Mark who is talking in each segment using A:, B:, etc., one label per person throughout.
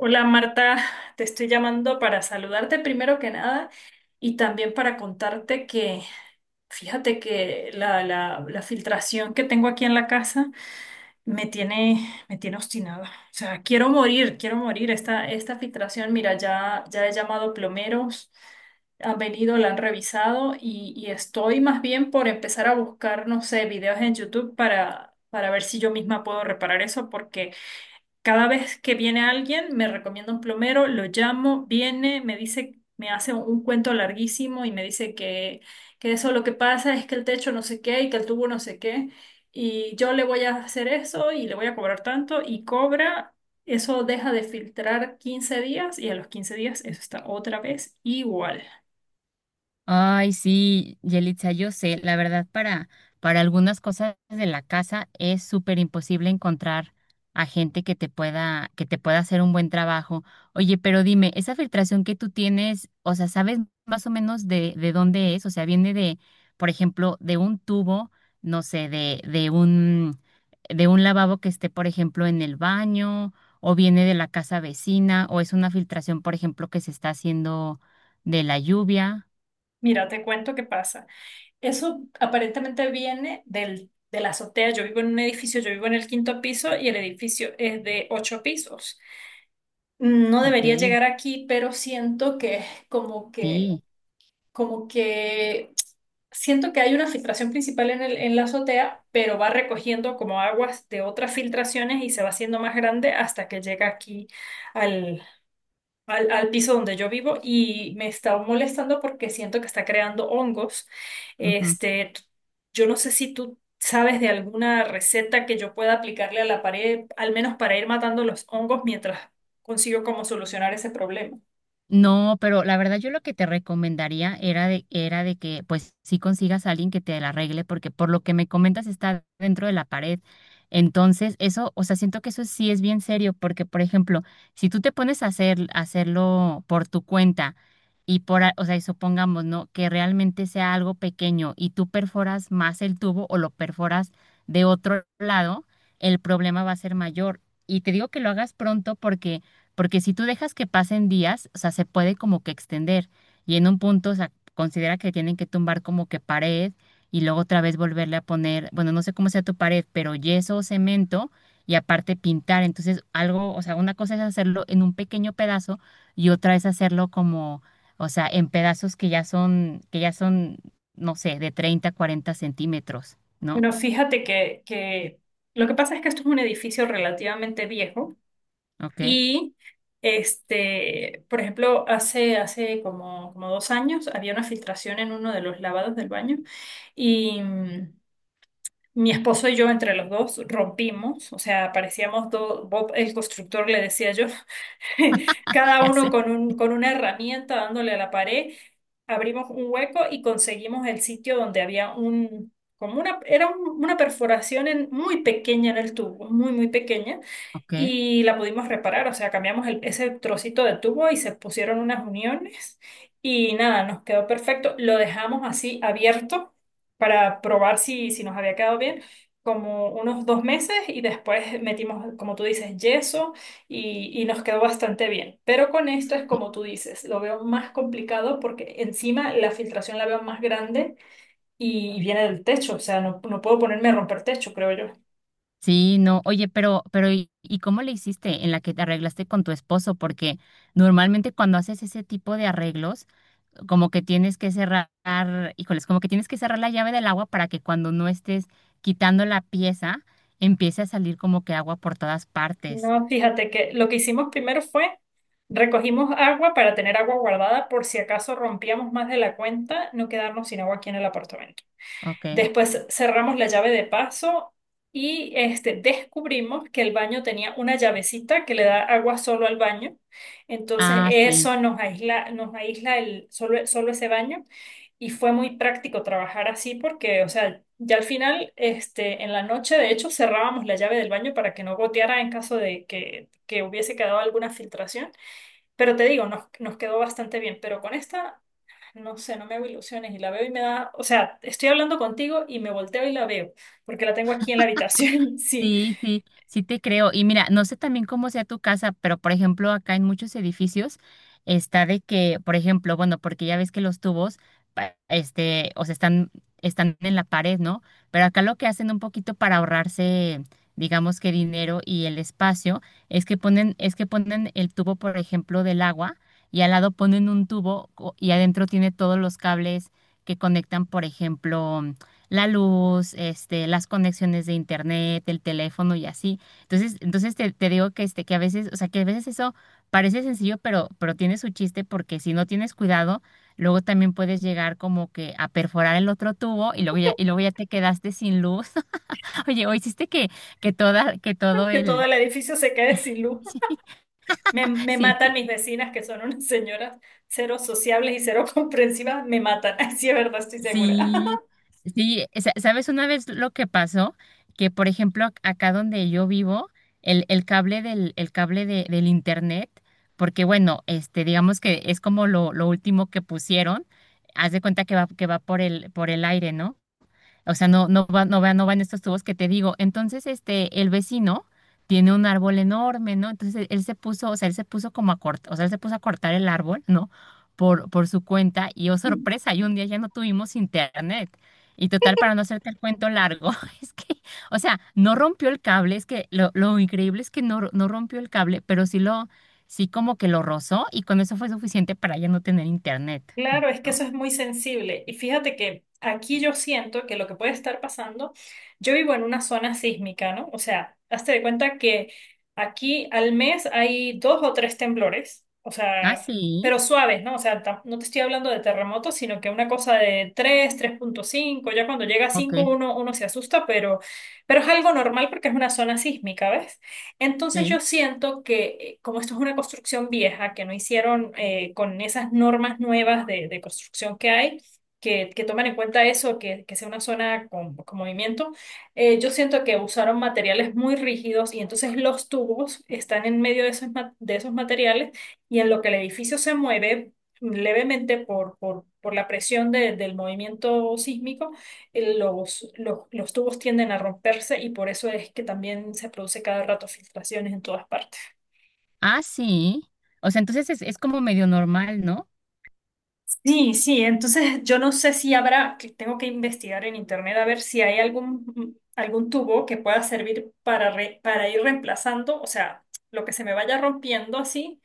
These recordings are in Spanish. A: Hola, Marta, te estoy llamando para saludarte primero que nada y también para contarte que, fíjate que la filtración que tengo aquí en la casa me tiene, me tiene obstinada. O sea, quiero morir, quiero morir. Esta filtración, mira, ya he llamado plomeros, han venido, la han revisado y estoy más bien por empezar a buscar, no sé, videos en YouTube para ver si yo misma puedo reparar eso porque... Cada vez que viene alguien, me recomienda un plomero, lo llamo, viene, me dice, me hace un cuento larguísimo y me dice que eso lo que pasa es que el techo no sé qué y que el tubo no sé qué. Y yo le voy a hacer eso y le voy a cobrar tanto y cobra. Eso deja de filtrar 15 días y a los 15 días eso está otra vez igual.
B: Ay, sí, Yelitza, yo sé, la verdad para algunas cosas de la casa es súper imposible encontrar a gente que te pueda hacer un buen trabajo. Oye, pero dime, esa filtración que tú tienes, o sea, ¿sabes más o menos de dónde es? O sea, viene de, por ejemplo, de un tubo, no sé, de un lavabo que esté, por ejemplo, en el baño, o viene de la casa vecina, o es una filtración, por ejemplo, que se está haciendo de la lluvia.
A: Mira, te cuento qué pasa. Eso aparentemente viene de la azotea. Yo vivo en un edificio, yo vivo en el quinto piso y el edificio es de ocho pisos. No
B: Ok,
A: debería llegar aquí, pero siento que como que,
B: sí.
A: como que siento que hay una filtración principal en en la azotea, pero va recogiendo como aguas de otras filtraciones y se va haciendo más grande hasta que llega aquí al piso donde yo vivo y me está molestando porque siento que está creando hongos.
B: Ujú.
A: Este, t- yo no sé si tú sabes de alguna receta que yo pueda aplicarle a la pared, al menos para ir matando los hongos mientras consigo cómo solucionar ese problema.
B: No, pero la verdad yo lo que te recomendaría era de que pues sí consigas a alguien que te la arregle, porque por lo que me comentas está dentro de la pared. Entonces, eso, o sea, siento que eso sí es bien serio, porque por ejemplo, si tú te pones a hacer, a hacerlo por tu cuenta y o sea, y supongamos, ¿no? Que realmente sea algo pequeño y tú perforas más el tubo o lo perforas de otro lado, el problema va a ser mayor. Y te digo que lo hagas pronto porque si tú dejas que pasen días, o sea, se puede como que extender y en un punto, o sea, considera que tienen que tumbar como que pared y luego otra vez volverle a poner, bueno, no sé cómo sea tu pared, pero yeso o cemento y aparte pintar. Entonces, algo, o sea, una cosa es hacerlo en un pequeño pedazo y otra es hacerlo como, o sea, en pedazos que ya son, no sé, de 30, 40 centímetros, ¿no?
A: Bueno, fíjate que lo que pasa es que esto es un edificio relativamente viejo
B: Ok,
A: y por ejemplo, como dos años había una filtración en uno de los lavados del baño y, mi esposo y yo entre los dos rompimos, o sea, parecíamos dos, Bob el constructor le decía yo, cada
B: ya
A: uno
B: sé,
A: con una herramienta dándole a la pared, abrimos un hueco y conseguimos el sitio donde había un, como una, era una perforación muy pequeña en el tubo, muy pequeña,
B: ok.
A: y la pudimos reparar, o sea, cambiamos ese trocito de tubo y se pusieron unas uniones y nada, nos quedó perfecto, lo dejamos así abierto para probar si nos había quedado bien. Como unos dos meses y después metimos, como tú dices, yeso y nos quedó bastante bien. Pero con esto es como tú dices, lo veo más complicado porque encima la filtración la veo más grande y viene del techo, o sea, no puedo ponerme a romper techo, creo yo.
B: Sí, no, oye, pero ¿y cómo le hiciste en la que te arreglaste con tu esposo? Porque normalmente cuando haces ese tipo de arreglos, como que tienes que cerrar, híjoles, como que tienes que cerrar la llave del agua para que cuando no estés quitando la pieza, empiece a salir como que agua por todas partes,
A: No, fíjate que lo que hicimos primero fue recogimos agua para tener agua guardada por si acaso rompíamos más de la cuenta, no quedarnos sin agua aquí en el apartamento.
B: ¿ok?
A: Después cerramos la llave de paso y este, descubrimos que el baño tenía una llavecita que le da agua solo al baño. Entonces
B: Ah, sí,
A: eso nos aísla el, solo, solo ese baño y fue muy práctico trabajar así porque, o sea, ya al final, este, en la noche, de hecho, cerrábamos la llave del baño para que no goteara en caso de que hubiese quedado alguna filtración. Pero te digo, nos quedó bastante bien. Pero con esta no sé, no me hago ilusiones y la veo y me da, o sea, estoy hablando contigo y me volteo y la veo, porque la tengo aquí en la habitación, sí,
B: sí, sí, sí te creo. Y mira, no sé también cómo sea tu casa, pero por ejemplo, acá en muchos edificios está de que, por ejemplo, bueno, porque ya ves que los tubos este, o sea, están en la pared, ¿no? Pero acá lo que hacen un poquito para ahorrarse, digamos que dinero y el espacio, es que ponen el tubo, por ejemplo, del agua, y al lado ponen un y adentro tiene todos los cables que conectan, por ejemplo, la luz, este, las conexiones de internet, el teléfono y así. Entonces te, te digo que este, que a veces, o sea, que a veces eso parece sencillo, pero tiene su chiste porque si no tienes cuidado, luego también puedes llegar como que a perforar el otro tubo y luego ya te quedaste sin luz. Oye, o hiciste que toda, que todo
A: que todo
B: el,
A: el edificio se quede sin luz. Me
B: sí,
A: matan
B: sí,
A: mis vecinas, que son unas señoras cero sociables y cero comprensivas, me matan, sí es verdad, estoy segura.
B: sí, sí, ¿sabes una vez lo que pasó? Que por ejemplo acá donde yo vivo, el cable del internet, porque bueno, este, digamos que es como lo último que pusieron, haz de cuenta que va por el aire, ¿no? O sea, no va, no van estos tubos que te digo. Entonces, este, el vecino tiene un árbol enorme, ¿no? Entonces, él se puso, o sea, él se puso como a cortar, o sea, él se puso a cortar el árbol, ¿no? Por su cuenta, y oh, sorpresa, y un día ya no tuvimos internet. Y total, para no hacerte el cuento largo, es que, o sea, no rompió el cable, es que lo increíble es que no rompió el cable, pero sí como que lo rozó, y con eso fue suficiente para ya no tener internet,
A: Claro, es que eso
B: ¿no?
A: es muy sensible. Y fíjate que aquí yo siento que lo que puede estar pasando, yo vivo en una zona sísmica, ¿no? O sea, hazte de cuenta que aquí al mes hay dos o tres temblores, o
B: Ah,
A: sea,
B: sí,
A: pero suaves, ¿no? O sea, no te estoy hablando de terremotos, sino que una cosa de tres, 3.5. Ya cuando llega a
B: ok,
A: 5 uno, uno se asusta, pero es algo normal porque es una zona sísmica, ¿ves? Entonces
B: sí.
A: yo siento que como esto es una construcción vieja, que no hicieron con esas normas nuevas de construcción que hay, que toman en cuenta eso, que sea una zona con movimiento, yo siento que usaron materiales muy rígidos y entonces los tubos están en medio de esos, de esos materiales y en lo que el edificio se mueve levemente por la presión del movimiento sísmico, los tubos tienden a romperse y por eso es que también se produce cada rato filtraciones en todas partes.
B: Ah, sí. O sea, entonces es como medio normal, ¿no?
A: Sí, sí, entonces yo no sé si habrá, que tengo que investigar en internet a ver si hay algún, algún tubo que pueda servir para, para ir reemplazando, o sea, lo que se me vaya rompiendo así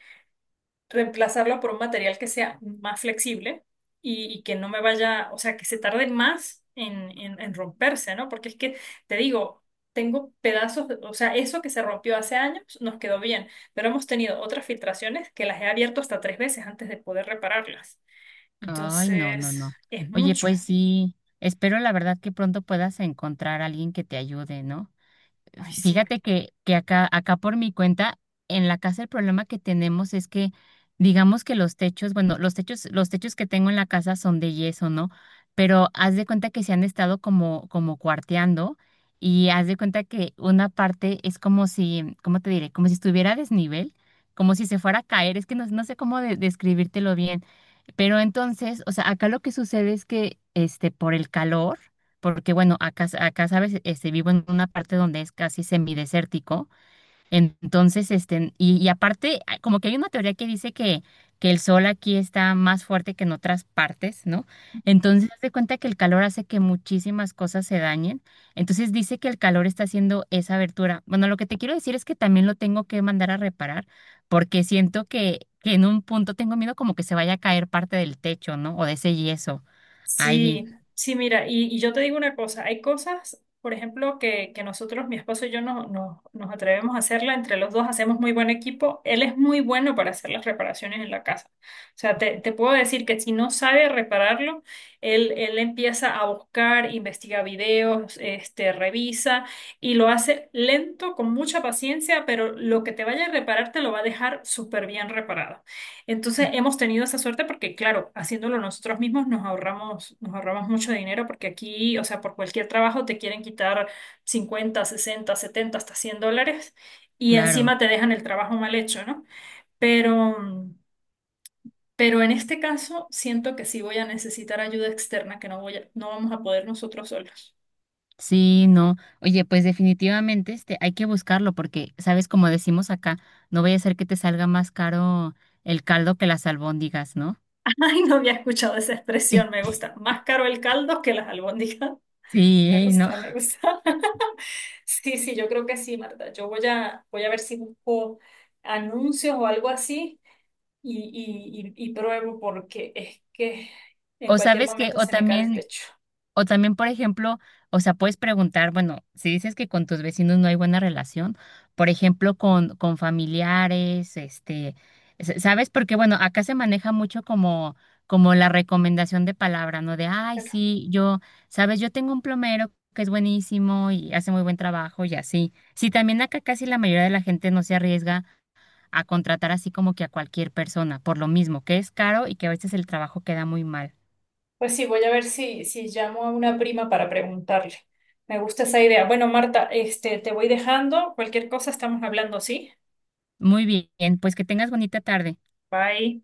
A: reemplazarlo por un material que sea más flexible y que no me vaya, o sea, que se tarde más en romperse, ¿no? Porque es que, te digo, tengo pedazos, o sea, eso que se rompió hace años nos quedó bien, pero hemos tenido otras filtraciones que las he abierto hasta tres veces antes de poder repararlas.
B: Ay, no, no,
A: Entonces,
B: no.
A: es
B: Oye,
A: mucho.
B: pues sí, espero la verdad que pronto puedas encontrar a alguien que te ayude, ¿no?
A: Ay, sí.
B: Fíjate que acá por mi cuenta, en la casa el problema que tenemos es que, digamos que los techos, bueno, los techos que tengo en la casa son de yeso, ¿no? Pero haz de cuenta que se han estado como, como cuarteando y haz de cuenta que una parte es como si, ¿cómo te diré? Como si estuviera a desnivel, como si se fuera a caer. Es que no, no sé cómo describírtelo bien, pero entonces, o sea, acá lo que sucede es que, este, por el calor, porque bueno, acá sabes, este, vivo en una parte donde es casi semidesértico, entonces, este, y aparte, ah, como que hay una teoría que dice que el sol aquí está más fuerte que en otras partes, ¿no? Entonces, haz de cuenta que el calor hace que muchísimas cosas se dañen. Entonces, dice que el calor está haciendo esa abertura. Bueno, lo que te quiero decir es que también lo tengo que mandar a reparar, porque siento que en un punto tengo miedo como que se vaya a caer parte del techo, ¿no? O de ese yeso. Ahí,
A: Sí, sí, mira, y yo te digo una cosa, hay cosas, por ejemplo, que nosotros, mi esposo y yo, nos atrevemos a hacerla, entre los dos hacemos muy buen equipo, él es muy bueno para hacer las reparaciones en la casa. O sea, te puedo decir que si no sabe repararlo, él empieza a buscar, investiga videos, este, revisa y lo hace lento, con mucha paciencia, pero lo que te vaya a reparar te lo va a dejar súper bien reparado. Entonces hemos tenido esa suerte porque, claro, haciéndolo nosotros mismos nos ahorramos mucho dinero porque aquí, o sea, por cualquier trabajo te quieren quitar 50, 60, 70, hasta $100 y
B: claro.
A: encima te dejan el trabajo mal hecho, ¿no? Pero, mm, pero en este caso siento que sí voy a necesitar ayuda externa, que no vamos a poder nosotros solos.
B: Sí, no. Oye, pues definitivamente este, hay que buscarlo porque, sabes, como decimos acá, no vaya a ser que te salga más caro el caldo que las albóndigas, ¿no?
A: Ay, no había escuchado esa expresión, me gusta. Más caro el caldo que las albóndigas.
B: Sí,
A: Me
B: ¿eh? ¿No?
A: gusta, me gusta. Sí, sí, yo creo que sí, Marta. Yo voy a, voy a ver si busco anuncios o algo así y pruebo porque es que en
B: O
A: cualquier
B: sabes que,
A: momento
B: o
A: se me cae el
B: también,
A: techo.
B: o también, por ejemplo, o sea, puedes preguntar, bueno, si dices que con tus vecinos no hay buena relación, por ejemplo, con familiares, este, ¿sabes? Porque, bueno, acá se maneja mucho como, como la recomendación de palabra, ¿no? De, ay,
A: Pero,
B: sí, yo, ¿sabes? Yo tengo un plomero que es buenísimo y hace muy buen trabajo y así. Sí, también acá casi la mayoría de la gente no se arriesga a contratar así como que a cualquier persona, por lo mismo, que es caro y que a veces el trabajo queda muy mal.
A: pues sí, voy a ver si llamo a una prima para preguntarle. Me gusta esa idea. Bueno, Marta, este, te voy dejando. Cualquier cosa estamos hablando, ¿sí?
B: Muy bien, pues que tengas bonita tarde.
A: Bye.